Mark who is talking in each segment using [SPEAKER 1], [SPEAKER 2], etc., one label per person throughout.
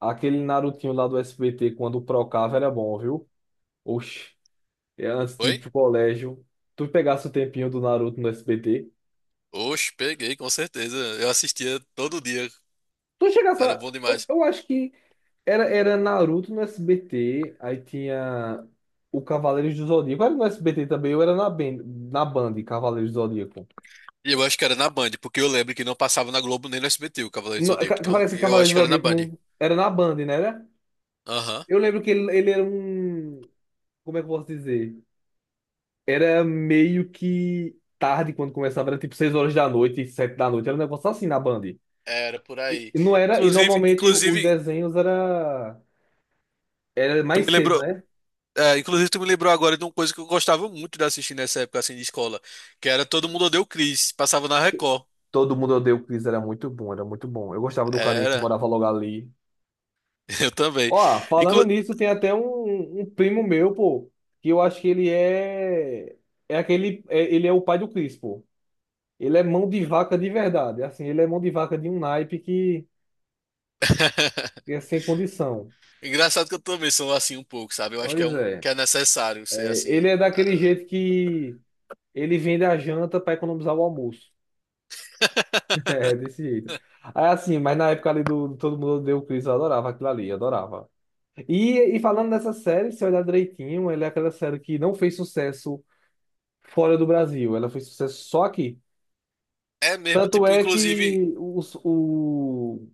[SPEAKER 1] Aquele Narutinho lá do SBT, quando procava, era bom, viu? Oxi, é antes de ir
[SPEAKER 2] Foi?
[SPEAKER 1] pro colégio, tu pegasse o tempinho do Naruto no SBT.
[SPEAKER 2] Oxe, peguei, com certeza. Eu assistia todo dia.
[SPEAKER 1] Tu chegasse
[SPEAKER 2] Era
[SPEAKER 1] a...
[SPEAKER 2] bom
[SPEAKER 1] eu,
[SPEAKER 2] demais.
[SPEAKER 1] eu acho que era Naruto no SBT, aí tinha o Cavaleiros do Zodíaco. Era no SBT também, eu era na Band, Cavaleiros do Zodíaco.
[SPEAKER 2] E eu acho que era na Band, porque eu lembro que não passava na Globo nem no SBT, o Cavaleiro do
[SPEAKER 1] No, ca-
[SPEAKER 2] Zodíaco.
[SPEAKER 1] ca-
[SPEAKER 2] Então,
[SPEAKER 1] Parece que
[SPEAKER 2] eu acho
[SPEAKER 1] Cavaleiros
[SPEAKER 2] que
[SPEAKER 1] do
[SPEAKER 2] era na
[SPEAKER 1] Zodíaco
[SPEAKER 2] Band.
[SPEAKER 1] não, era na Band, né? Era?
[SPEAKER 2] Aham.
[SPEAKER 1] Eu lembro que ele era um. Como é que eu posso dizer? Era meio que tarde quando começava, era tipo 6 horas da noite, 7 da noite, era um negócio assim na Band. E
[SPEAKER 2] Era por
[SPEAKER 1] e
[SPEAKER 2] aí.
[SPEAKER 1] não era, e
[SPEAKER 2] Inclusive,
[SPEAKER 1] normalmente os
[SPEAKER 2] inclusive,
[SPEAKER 1] desenhos era
[SPEAKER 2] tu
[SPEAKER 1] mais
[SPEAKER 2] me
[SPEAKER 1] cedo,
[SPEAKER 2] lembrou.
[SPEAKER 1] né?
[SPEAKER 2] Inclusive, tu me lembrou agora de uma coisa que eu gostava muito de assistir nessa época assim de escola, que era Todo Mundo Odeia o Chris, passava na Record.
[SPEAKER 1] Todo mundo odeia o Chris, era muito bom, era muito bom. Eu gostava do carinha que
[SPEAKER 2] Era,
[SPEAKER 1] morava logo ali.
[SPEAKER 2] eu também.
[SPEAKER 1] Ó, falando
[SPEAKER 2] Inclu...
[SPEAKER 1] nisso, tem até um primo meu, pô, que eu acho que ele ele é o pai do Chris, pô. Ele é mão de vaca de verdade, assim, ele é mão de vaca de um naipe que que é sem condição.
[SPEAKER 2] Engraçado que eu também sou assim um pouco, sabe? Eu acho
[SPEAKER 1] Pois é.
[SPEAKER 2] que é necessário ser
[SPEAKER 1] É,
[SPEAKER 2] assim.
[SPEAKER 1] ele é daquele
[SPEAKER 2] Ah.
[SPEAKER 1] jeito que ele vende a janta para economizar o almoço. É, desse jeito. Aí assim, mas na época ali do Todo Mundo Odeia o Chris, eu adorava aquilo ali, eu adorava. E falando dessa série, se olhar direitinho, ela é aquela série que não fez sucesso fora do Brasil, ela fez sucesso só aqui.
[SPEAKER 2] É mesmo,
[SPEAKER 1] Tanto
[SPEAKER 2] tipo,
[SPEAKER 1] é
[SPEAKER 2] inclusive,
[SPEAKER 1] que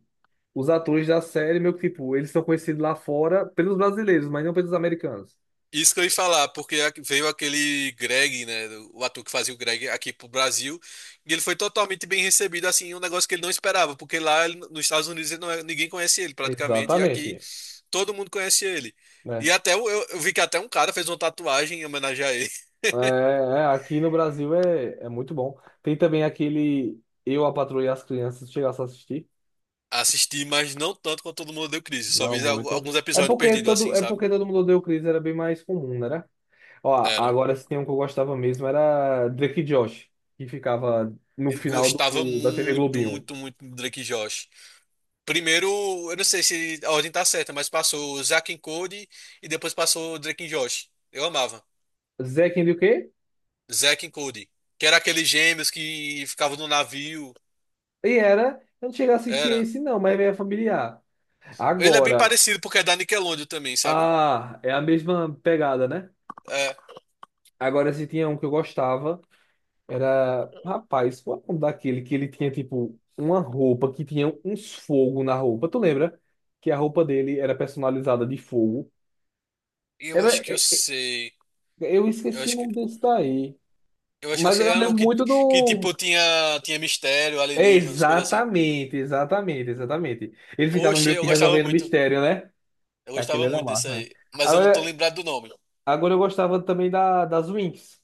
[SPEAKER 1] os atores da série, meio que tipo, eles são conhecidos lá fora pelos brasileiros, mas não pelos americanos.
[SPEAKER 2] isso que eu ia falar, porque veio aquele Greg, né, o ator que fazia o Greg aqui pro Brasil, e ele foi totalmente bem recebido, assim, um negócio que ele não esperava, porque lá nos Estados Unidos ele não é- ninguém conhece ele praticamente, e aqui
[SPEAKER 1] Exatamente,
[SPEAKER 2] todo mundo conhece ele. E
[SPEAKER 1] né?
[SPEAKER 2] até eu vi que até um cara fez uma tatuagem em homenagem a ele.
[SPEAKER 1] Aqui no Brasil é muito bom. Tem também aquele Eu, a Patroa e as Crianças, chegasse a assistir?
[SPEAKER 2] Assisti, mas não tanto quanto todo mundo deu crise, só
[SPEAKER 1] Não
[SPEAKER 2] vi
[SPEAKER 1] muito.
[SPEAKER 2] alguns episódios perdidos, assim,
[SPEAKER 1] É
[SPEAKER 2] sabe?
[SPEAKER 1] porque todo mundo odeia o Chris, era bem mais comum, né? Ó,
[SPEAKER 2] Era.
[SPEAKER 1] agora se tem um que eu gostava mesmo era Drake e Josh, que ficava no
[SPEAKER 2] Eu
[SPEAKER 1] final
[SPEAKER 2] gostava
[SPEAKER 1] do, da TV
[SPEAKER 2] muito,
[SPEAKER 1] Globinho.
[SPEAKER 2] muito, muito do Drake e Josh. Primeiro, eu não sei se a ordem tá certa, mas passou o Zack and Cody e depois passou o Drake and Josh. Eu amava.
[SPEAKER 1] Zack and o quê?
[SPEAKER 2] Zack and Cody. Que era aqueles gêmeos que ficavam no navio.
[SPEAKER 1] E era, eu não cheguei a assistir
[SPEAKER 2] Era.
[SPEAKER 1] esse não, mas é familiar.
[SPEAKER 2] Ele é bem
[SPEAKER 1] Agora,
[SPEAKER 2] parecido porque é da Nickelodeon também, sabe?
[SPEAKER 1] ah, é a mesma pegada, né?
[SPEAKER 2] É.
[SPEAKER 1] Agora se tinha um que eu gostava. Era, rapaz, qual é o nome daquele que ele tinha, tipo, uma roupa que tinha uns fogo na roupa? Tu lembra? Que a roupa dele era personalizada de fogo.
[SPEAKER 2] Eu
[SPEAKER 1] Era,
[SPEAKER 2] acho que eu
[SPEAKER 1] é-
[SPEAKER 2] sei.
[SPEAKER 1] eu
[SPEAKER 2] Eu
[SPEAKER 1] esqueci o
[SPEAKER 2] acho que
[SPEAKER 1] nome desse daí.
[SPEAKER 2] eu acho que eu
[SPEAKER 1] Mas
[SPEAKER 2] sei.
[SPEAKER 1] eu
[SPEAKER 2] Era um
[SPEAKER 1] lembro muito
[SPEAKER 2] que
[SPEAKER 1] do.
[SPEAKER 2] tipo tinha mistério,
[SPEAKER 1] É,
[SPEAKER 2] alienígenas, coisas assim.
[SPEAKER 1] exatamente, exatamente, exatamente. Ele ficava
[SPEAKER 2] Oxe,
[SPEAKER 1] meio
[SPEAKER 2] eu
[SPEAKER 1] que
[SPEAKER 2] gostava
[SPEAKER 1] resolvendo
[SPEAKER 2] muito.
[SPEAKER 1] mistério, né?
[SPEAKER 2] Eu
[SPEAKER 1] Aquele
[SPEAKER 2] gostava
[SPEAKER 1] era
[SPEAKER 2] muito desse
[SPEAKER 1] massa, né?
[SPEAKER 2] aí. Mas eu não tô
[SPEAKER 1] Agora,
[SPEAKER 2] lembrado do nome.
[SPEAKER 1] agora eu gostava também da, das Winx.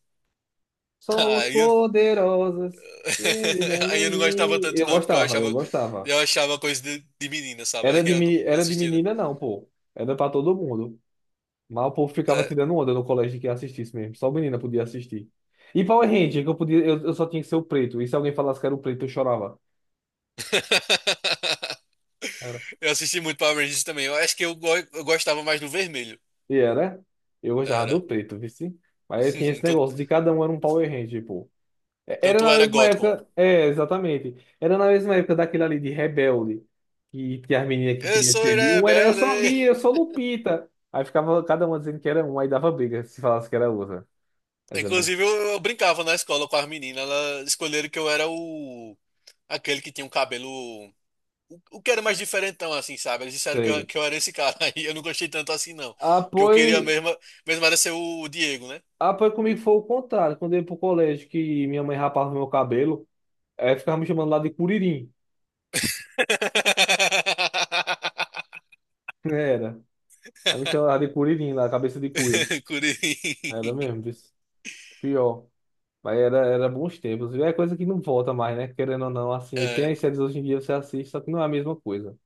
[SPEAKER 1] Somos
[SPEAKER 2] Aí eu
[SPEAKER 1] poderosas.
[SPEAKER 2] Aí eu não gostava tanto,
[SPEAKER 1] Eu
[SPEAKER 2] não, porque
[SPEAKER 1] gostava, eu gostava.
[SPEAKER 2] eu achava coisa de menina, sabe?
[SPEAKER 1] Era
[SPEAKER 2] Aí
[SPEAKER 1] de,
[SPEAKER 2] eu
[SPEAKER 1] meni-
[SPEAKER 2] não
[SPEAKER 1] era de
[SPEAKER 2] assistia, não.
[SPEAKER 1] menina, não, pô. Era pra todo mundo. Mas o povo ficava
[SPEAKER 2] É.
[SPEAKER 1] tirando onda no colégio de quem assistisse mesmo. Só menina podia assistir. E Power Ranger, que eu podia, eu só tinha que ser o preto. E se alguém falasse que era o preto, eu chorava. Era.
[SPEAKER 2] Eu assisti muito Power Rangers também. Eu acho que eu gostava mais do vermelho.
[SPEAKER 1] E era. Eu gostava do
[SPEAKER 2] Era.
[SPEAKER 1] preto, vice. Mas eu tinha esse negócio
[SPEAKER 2] Tu-
[SPEAKER 1] de cada um era um Power Ranger, pô. Era
[SPEAKER 2] Tanto
[SPEAKER 1] na
[SPEAKER 2] era
[SPEAKER 1] mesma
[SPEAKER 2] gótico.
[SPEAKER 1] época. É, exatamente. Era na mesma época daquele ali de Rebelde. Que tinha as meninas que
[SPEAKER 2] Eu
[SPEAKER 1] queriam
[SPEAKER 2] sou
[SPEAKER 1] ser. Mi. Um era eu sou a
[SPEAKER 2] rebelde.
[SPEAKER 1] Mia, eu sou Lupita. Aí ficava cada uma dizendo que era um, aí dava briga se falasse que era outra.
[SPEAKER 2] Inclusive, eu brincava na escola com as meninas. Elas escolheram que eu era o. Aquele que tinha um cabelo. O que era mais diferentão, assim, sabe? Eles disseram
[SPEAKER 1] Sei.
[SPEAKER 2] que eu era esse cara. Aí eu não gostei tanto assim, não.
[SPEAKER 1] Ah,
[SPEAKER 2] Porque eu queria
[SPEAKER 1] pois,
[SPEAKER 2] mesmo era ser o Diego, né?
[SPEAKER 1] ah, pois, comigo foi o contrário. Quando eu ia pro colégio, que minha mãe rapava meu cabelo, aí ficava me chamando lá de curirim. Era. Aí me chamava de curirim, lá, cabeça de cuia.
[SPEAKER 2] Curi.
[SPEAKER 1] Era mesmo, disse. Pior. Mas era bons tempos. E é coisa que não volta mais, né? Querendo ou não, assim. E tem
[SPEAKER 2] É,
[SPEAKER 1] as séries hoje em dia, você assiste, só que não é a mesma coisa.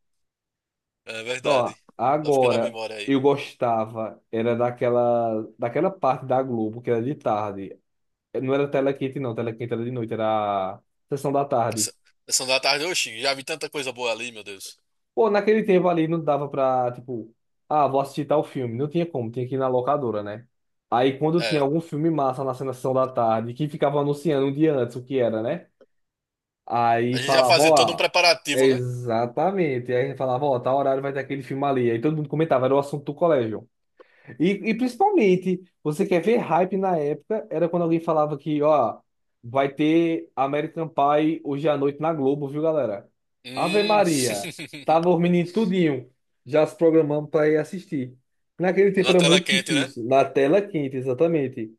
[SPEAKER 2] é
[SPEAKER 1] Só,
[SPEAKER 2] verdade. Tá ficando na
[SPEAKER 1] agora,
[SPEAKER 2] memória aí.
[SPEAKER 1] eu gostava, era daquela parte da Globo, que era de tarde. Não era tela quente, não. Tela quente era de noite, era a sessão da tarde.
[SPEAKER 2] Essa- Sessão da tarde, oxi, já vi tanta coisa boa ali, meu Deus.
[SPEAKER 1] Pô, naquele tempo ali não dava pra, tipo, ah, vou assistir tal filme. Não tinha como, tinha que ir na locadora, né? Aí quando tinha
[SPEAKER 2] É.
[SPEAKER 1] algum filme massa na sessão da tarde, que ficava anunciando um dia antes o que era, né? Aí
[SPEAKER 2] A gente já
[SPEAKER 1] falava,
[SPEAKER 2] fazia todo um
[SPEAKER 1] ó,
[SPEAKER 2] preparativo, né?
[SPEAKER 1] exatamente. Aí falava, ó, tal horário vai ter aquele filme ali. Aí todo mundo comentava, era o assunto do colégio. E principalmente, você quer ver hype na época, era quando alguém falava que, ó, vai ter American Pie hoje à noite na Globo, viu, galera? Ave
[SPEAKER 2] Hum.
[SPEAKER 1] Maria, tava os meninos tudinho, já se programando para ir assistir. Naquele tempo
[SPEAKER 2] Na
[SPEAKER 1] era
[SPEAKER 2] tela
[SPEAKER 1] muito
[SPEAKER 2] quente, né?
[SPEAKER 1] difícil, na tela quente, exatamente,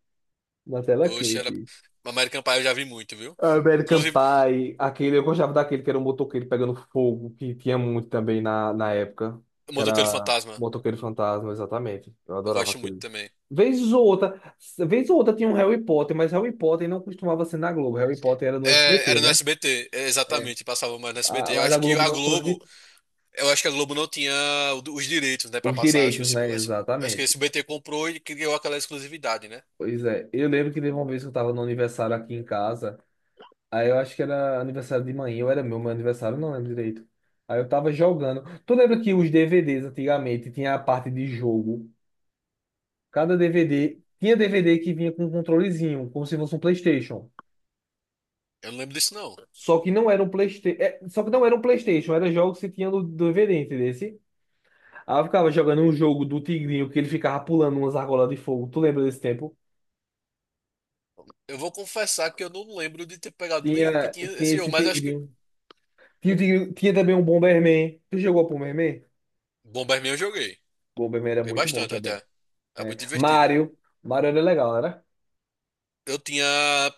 [SPEAKER 1] na tela
[SPEAKER 2] Oxe, era.
[SPEAKER 1] quente.
[SPEAKER 2] American Pie eu já vi muito, viu?
[SPEAKER 1] American
[SPEAKER 2] Inclusive,
[SPEAKER 1] Pie, aquele, eu gostava daquele que era um motoqueiro pegando fogo, que tinha muito também na época, que
[SPEAKER 2] Motoqueiro
[SPEAKER 1] era
[SPEAKER 2] Fantasma.
[SPEAKER 1] Motoqueiro Fantasma, exatamente. Eu
[SPEAKER 2] Eu
[SPEAKER 1] adorava
[SPEAKER 2] gosto muito
[SPEAKER 1] aquele.
[SPEAKER 2] também.
[SPEAKER 1] Vez ou outra, vez ou outra, tinha um Harry Potter, mas Harry Potter não costumava ser na Globo. Harry Potter era no
[SPEAKER 2] É,
[SPEAKER 1] SBT,
[SPEAKER 2] era no
[SPEAKER 1] né?
[SPEAKER 2] SBT, é,
[SPEAKER 1] É.
[SPEAKER 2] exatamente, passava mais no SBT. Eu
[SPEAKER 1] Mas a
[SPEAKER 2] acho que
[SPEAKER 1] Globo
[SPEAKER 2] a
[SPEAKER 1] não transmite
[SPEAKER 2] Globo. Eu acho que a Globo não tinha os direitos, né, pra
[SPEAKER 1] os
[SPEAKER 2] passar. Eu acho que o
[SPEAKER 1] direitos,
[SPEAKER 2] SB,
[SPEAKER 1] né?
[SPEAKER 2] eu acho que o
[SPEAKER 1] Exatamente.
[SPEAKER 2] SBT comprou e criou aquela exclusividade, né?
[SPEAKER 1] Pois é. Eu lembro que teve uma vez que eu estava no aniversário aqui em casa, aí eu acho que era aniversário de manhã, ou era meu aniversário, não lembro direito. Aí eu tava jogando. Tu lembra que os DVDs antigamente tinha a parte de jogo? Cada DVD tinha DVD que vinha com um controlezinho, como se fosse um PlayStation.
[SPEAKER 2] Eu não lembro disso, não.
[SPEAKER 1] Só que não era um PlayStation, só que não era um PlayStation, era jogos que tinha no DVD, entendeu? Aí eu ficava jogando um jogo do Tigrinho que ele ficava pulando umas argolas de fogo. Tu lembra desse tempo?
[SPEAKER 2] Eu vou confessar que eu não lembro de ter pegado nenhum que
[SPEAKER 1] Tinha,
[SPEAKER 2] tinha
[SPEAKER 1] tinha
[SPEAKER 2] esse jogo,
[SPEAKER 1] esse
[SPEAKER 2] mas eu acho que.
[SPEAKER 1] Tigrinho. Tinha, tinha também um Bomberman. Tu jogou Bomberman?
[SPEAKER 2] Bomberman eu joguei.
[SPEAKER 1] Bomberman era
[SPEAKER 2] Joguei
[SPEAKER 1] muito bom
[SPEAKER 2] bastante
[SPEAKER 1] também.
[SPEAKER 2] até. Era
[SPEAKER 1] É.
[SPEAKER 2] muito divertido.
[SPEAKER 1] Mario. Mario era legal, não era?
[SPEAKER 2] Eu tinha.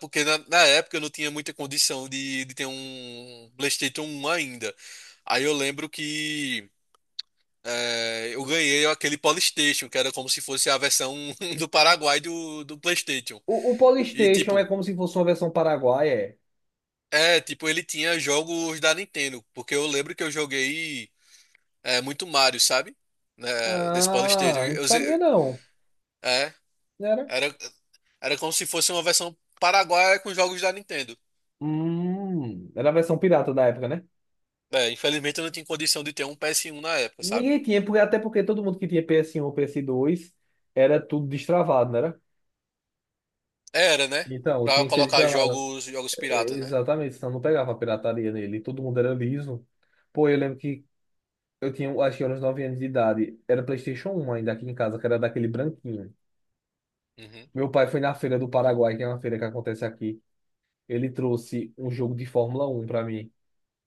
[SPEAKER 2] Porque na época eu não tinha muita condição de ter um PlayStation um ainda. Aí eu lembro que. Eu ganhei aquele Polystation, que era como se fosse a versão do Paraguai do PlayStation.
[SPEAKER 1] O
[SPEAKER 2] E
[SPEAKER 1] Polystation é
[SPEAKER 2] tipo,
[SPEAKER 1] como se fosse uma versão paraguaia. É?
[SPEAKER 2] É, tipo, ele tinha jogos da Nintendo, porque eu lembro que eu joguei muito Mario, sabe? Né, nesse Polystation.
[SPEAKER 1] Ah, não
[SPEAKER 2] Eu,
[SPEAKER 1] sabia
[SPEAKER 2] ze-
[SPEAKER 1] não.
[SPEAKER 2] é,
[SPEAKER 1] Não era?
[SPEAKER 2] era, era como se fosse uma versão paraguaia com jogos da Nintendo.
[SPEAKER 1] Era a versão pirata da época, né?
[SPEAKER 2] É, infelizmente eu não tinha condição de ter um PS1 na época, sabe?
[SPEAKER 1] Ninguém tinha, porque, até porque todo mundo que tinha PS1 ou PS2 era tudo destravado, não era?
[SPEAKER 2] Era, né?
[SPEAKER 1] Então,
[SPEAKER 2] Pra
[SPEAKER 1] tinha que ser
[SPEAKER 2] colocar
[SPEAKER 1] destravado.
[SPEAKER 2] jogos, jogos
[SPEAKER 1] É,
[SPEAKER 2] piratas, né?
[SPEAKER 1] exatamente, senão não pegava a pirataria nele. Todo mundo era liso. Pô, eu lembro que eu tinha, acho que eu era uns 9 anos de idade. Era PlayStation 1 ainda aqui em casa, que era daquele branquinho.
[SPEAKER 2] Uhum.
[SPEAKER 1] Meu pai foi na feira do Paraguai, que é uma feira que acontece aqui. Ele trouxe um jogo de Fórmula 1 para mim,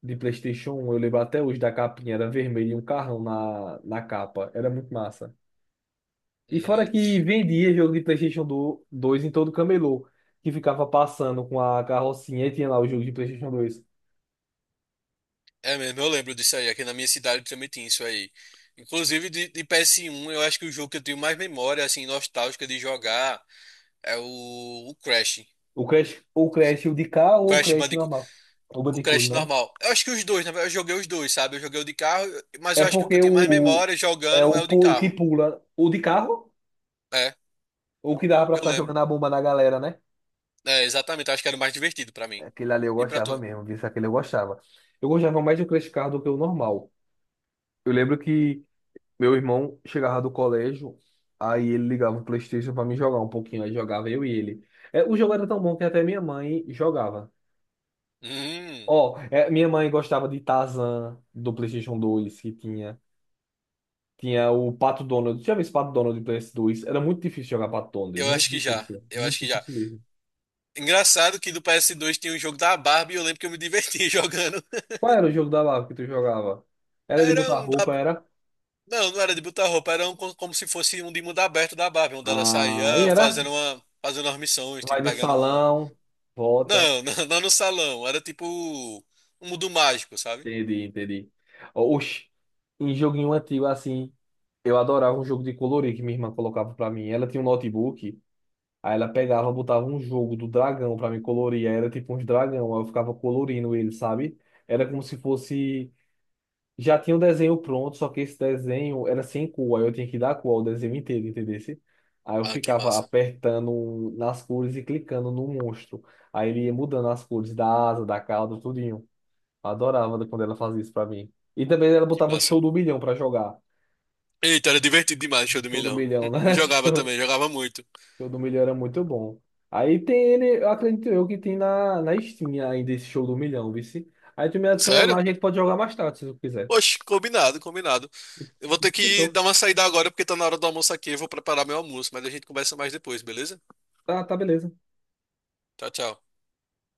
[SPEAKER 1] de PlayStation 1. Eu lembro até hoje da capinha, era vermelho e um carrão na capa. Era muito massa. E fora
[SPEAKER 2] Uhum.
[SPEAKER 1] que vendia jogo de 2 em todo camelô, que ficava passando com a carrocinha e tinha lá o jogo de PlayStation 2.
[SPEAKER 2] É mesmo, eu lembro disso aí. Aqui na minha cidade também tinha isso aí. Inclusive de PS1, eu acho que o jogo que eu tenho mais memória, assim, nostálgica de jogar é o Crash.
[SPEAKER 1] O Crash, o Crash o de cá ou o
[SPEAKER 2] Crash
[SPEAKER 1] Crash
[SPEAKER 2] Bandicoot,
[SPEAKER 1] normal? O
[SPEAKER 2] o
[SPEAKER 1] Bandicoot,
[SPEAKER 2] Crash
[SPEAKER 1] né?
[SPEAKER 2] normal. Eu acho que os dois, na verdade, eu joguei os dois, sabe? Eu joguei o de carro, mas
[SPEAKER 1] É
[SPEAKER 2] eu acho que o que eu
[SPEAKER 1] porque
[SPEAKER 2] tenho mais memória jogando é o de
[SPEAKER 1] o que
[SPEAKER 2] carro.
[SPEAKER 1] pula, o de carro,
[SPEAKER 2] É,
[SPEAKER 1] o que dava pra
[SPEAKER 2] eu
[SPEAKER 1] ficar
[SPEAKER 2] lembro.
[SPEAKER 1] jogando a bomba na galera, né?
[SPEAKER 2] É, exatamente, eu acho que era o mais divertido pra mim.
[SPEAKER 1] Aquele ali eu
[SPEAKER 2] E pra
[SPEAKER 1] gostava
[SPEAKER 2] tu?
[SPEAKER 1] mesmo, viu? Aquele eu gostava. Eu gostava mais do Crash Car do que o normal. Eu lembro que meu irmão chegava do colégio, aí ele ligava o PlayStation pra mim jogar um pouquinho, aí jogava eu e ele. É, o jogo era tão bom que até minha mãe jogava.
[SPEAKER 2] Hum,
[SPEAKER 1] Ó, é, minha mãe gostava de Tarzan do PlayStation 2 que tinha. Tinha o Pato Donald. Tinha visto Pato Donald do PS 2. Era muito difícil jogar Pato Donald,
[SPEAKER 2] eu acho que já. Eu
[SPEAKER 1] muito
[SPEAKER 2] acho que já.
[SPEAKER 1] difícil mesmo.
[SPEAKER 2] Engraçado que do PS2 tinha um jogo da Barbie e eu lembro que eu me diverti jogando.
[SPEAKER 1] Qual era o jogo da Lava que tu jogava? Era de
[SPEAKER 2] Era
[SPEAKER 1] botar
[SPEAKER 2] um
[SPEAKER 1] roupa,
[SPEAKER 2] da.
[SPEAKER 1] era?
[SPEAKER 2] Não, não era de botar roupa, era um como se fosse um de mundo aberto da Barbie, onde ela
[SPEAKER 1] Ah, e
[SPEAKER 2] saía
[SPEAKER 1] era?
[SPEAKER 2] fazendo umas missões,
[SPEAKER 1] Vai
[SPEAKER 2] tipo,
[SPEAKER 1] no
[SPEAKER 2] pegando um.
[SPEAKER 1] salão, volta.
[SPEAKER 2] Não, não, não no salão. Era tipo um mundo mágico, sabe?
[SPEAKER 1] Entendi, entendi. Oxi, em joguinho antigo assim, eu adorava um jogo de colorir que minha irmã colocava pra mim. Ela tinha um notebook, aí ela pegava, botava um jogo do dragão pra me colorir. Aí era tipo uns dragão, aí eu ficava colorindo ele, sabe? Era como se fosse. Já tinha o desenho pronto, só que esse desenho era sem cor, aí eu tinha que dar cor ao desenho inteiro, entendesse? Aí eu
[SPEAKER 2] Ah, que
[SPEAKER 1] ficava
[SPEAKER 2] massa.
[SPEAKER 1] apertando nas cores e clicando no monstro. Aí ele ia mudando as cores da asa, da cauda, tudo. Adorava quando ela fazia isso pra mim. E também ela
[SPEAKER 2] Que
[SPEAKER 1] botava
[SPEAKER 2] massa.
[SPEAKER 1] Show do Milhão pra jogar.
[SPEAKER 2] Eita, era divertido demais, show do
[SPEAKER 1] Show do
[SPEAKER 2] milhão.
[SPEAKER 1] Milhão,
[SPEAKER 2] Eu
[SPEAKER 1] né?
[SPEAKER 2] jogava
[SPEAKER 1] Show,
[SPEAKER 2] também, jogava muito.
[SPEAKER 1] Show do Milhão era muito bom. Aí tem ele, eu acredito eu que tem na Steam ainda esse Show do Milhão, vice. Aí tu me adiciona lá,
[SPEAKER 2] Sério?
[SPEAKER 1] a gente pode jogar mais tarde, se tu quiser.
[SPEAKER 2] Oxe, combinado, combinado.
[SPEAKER 1] E-
[SPEAKER 2] Eu vou ter que
[SPEAKER 1] Fechou.
[SPEAKER 2] dar uma saída agora porque tá na hora do almoço aqui. Eu vou preparar meu almoço, mas a gente conversa mais depois, beleza?
[SPEAKER 1] Tá, tá beleza.
[SPEAKER 2] Tchau, tchau.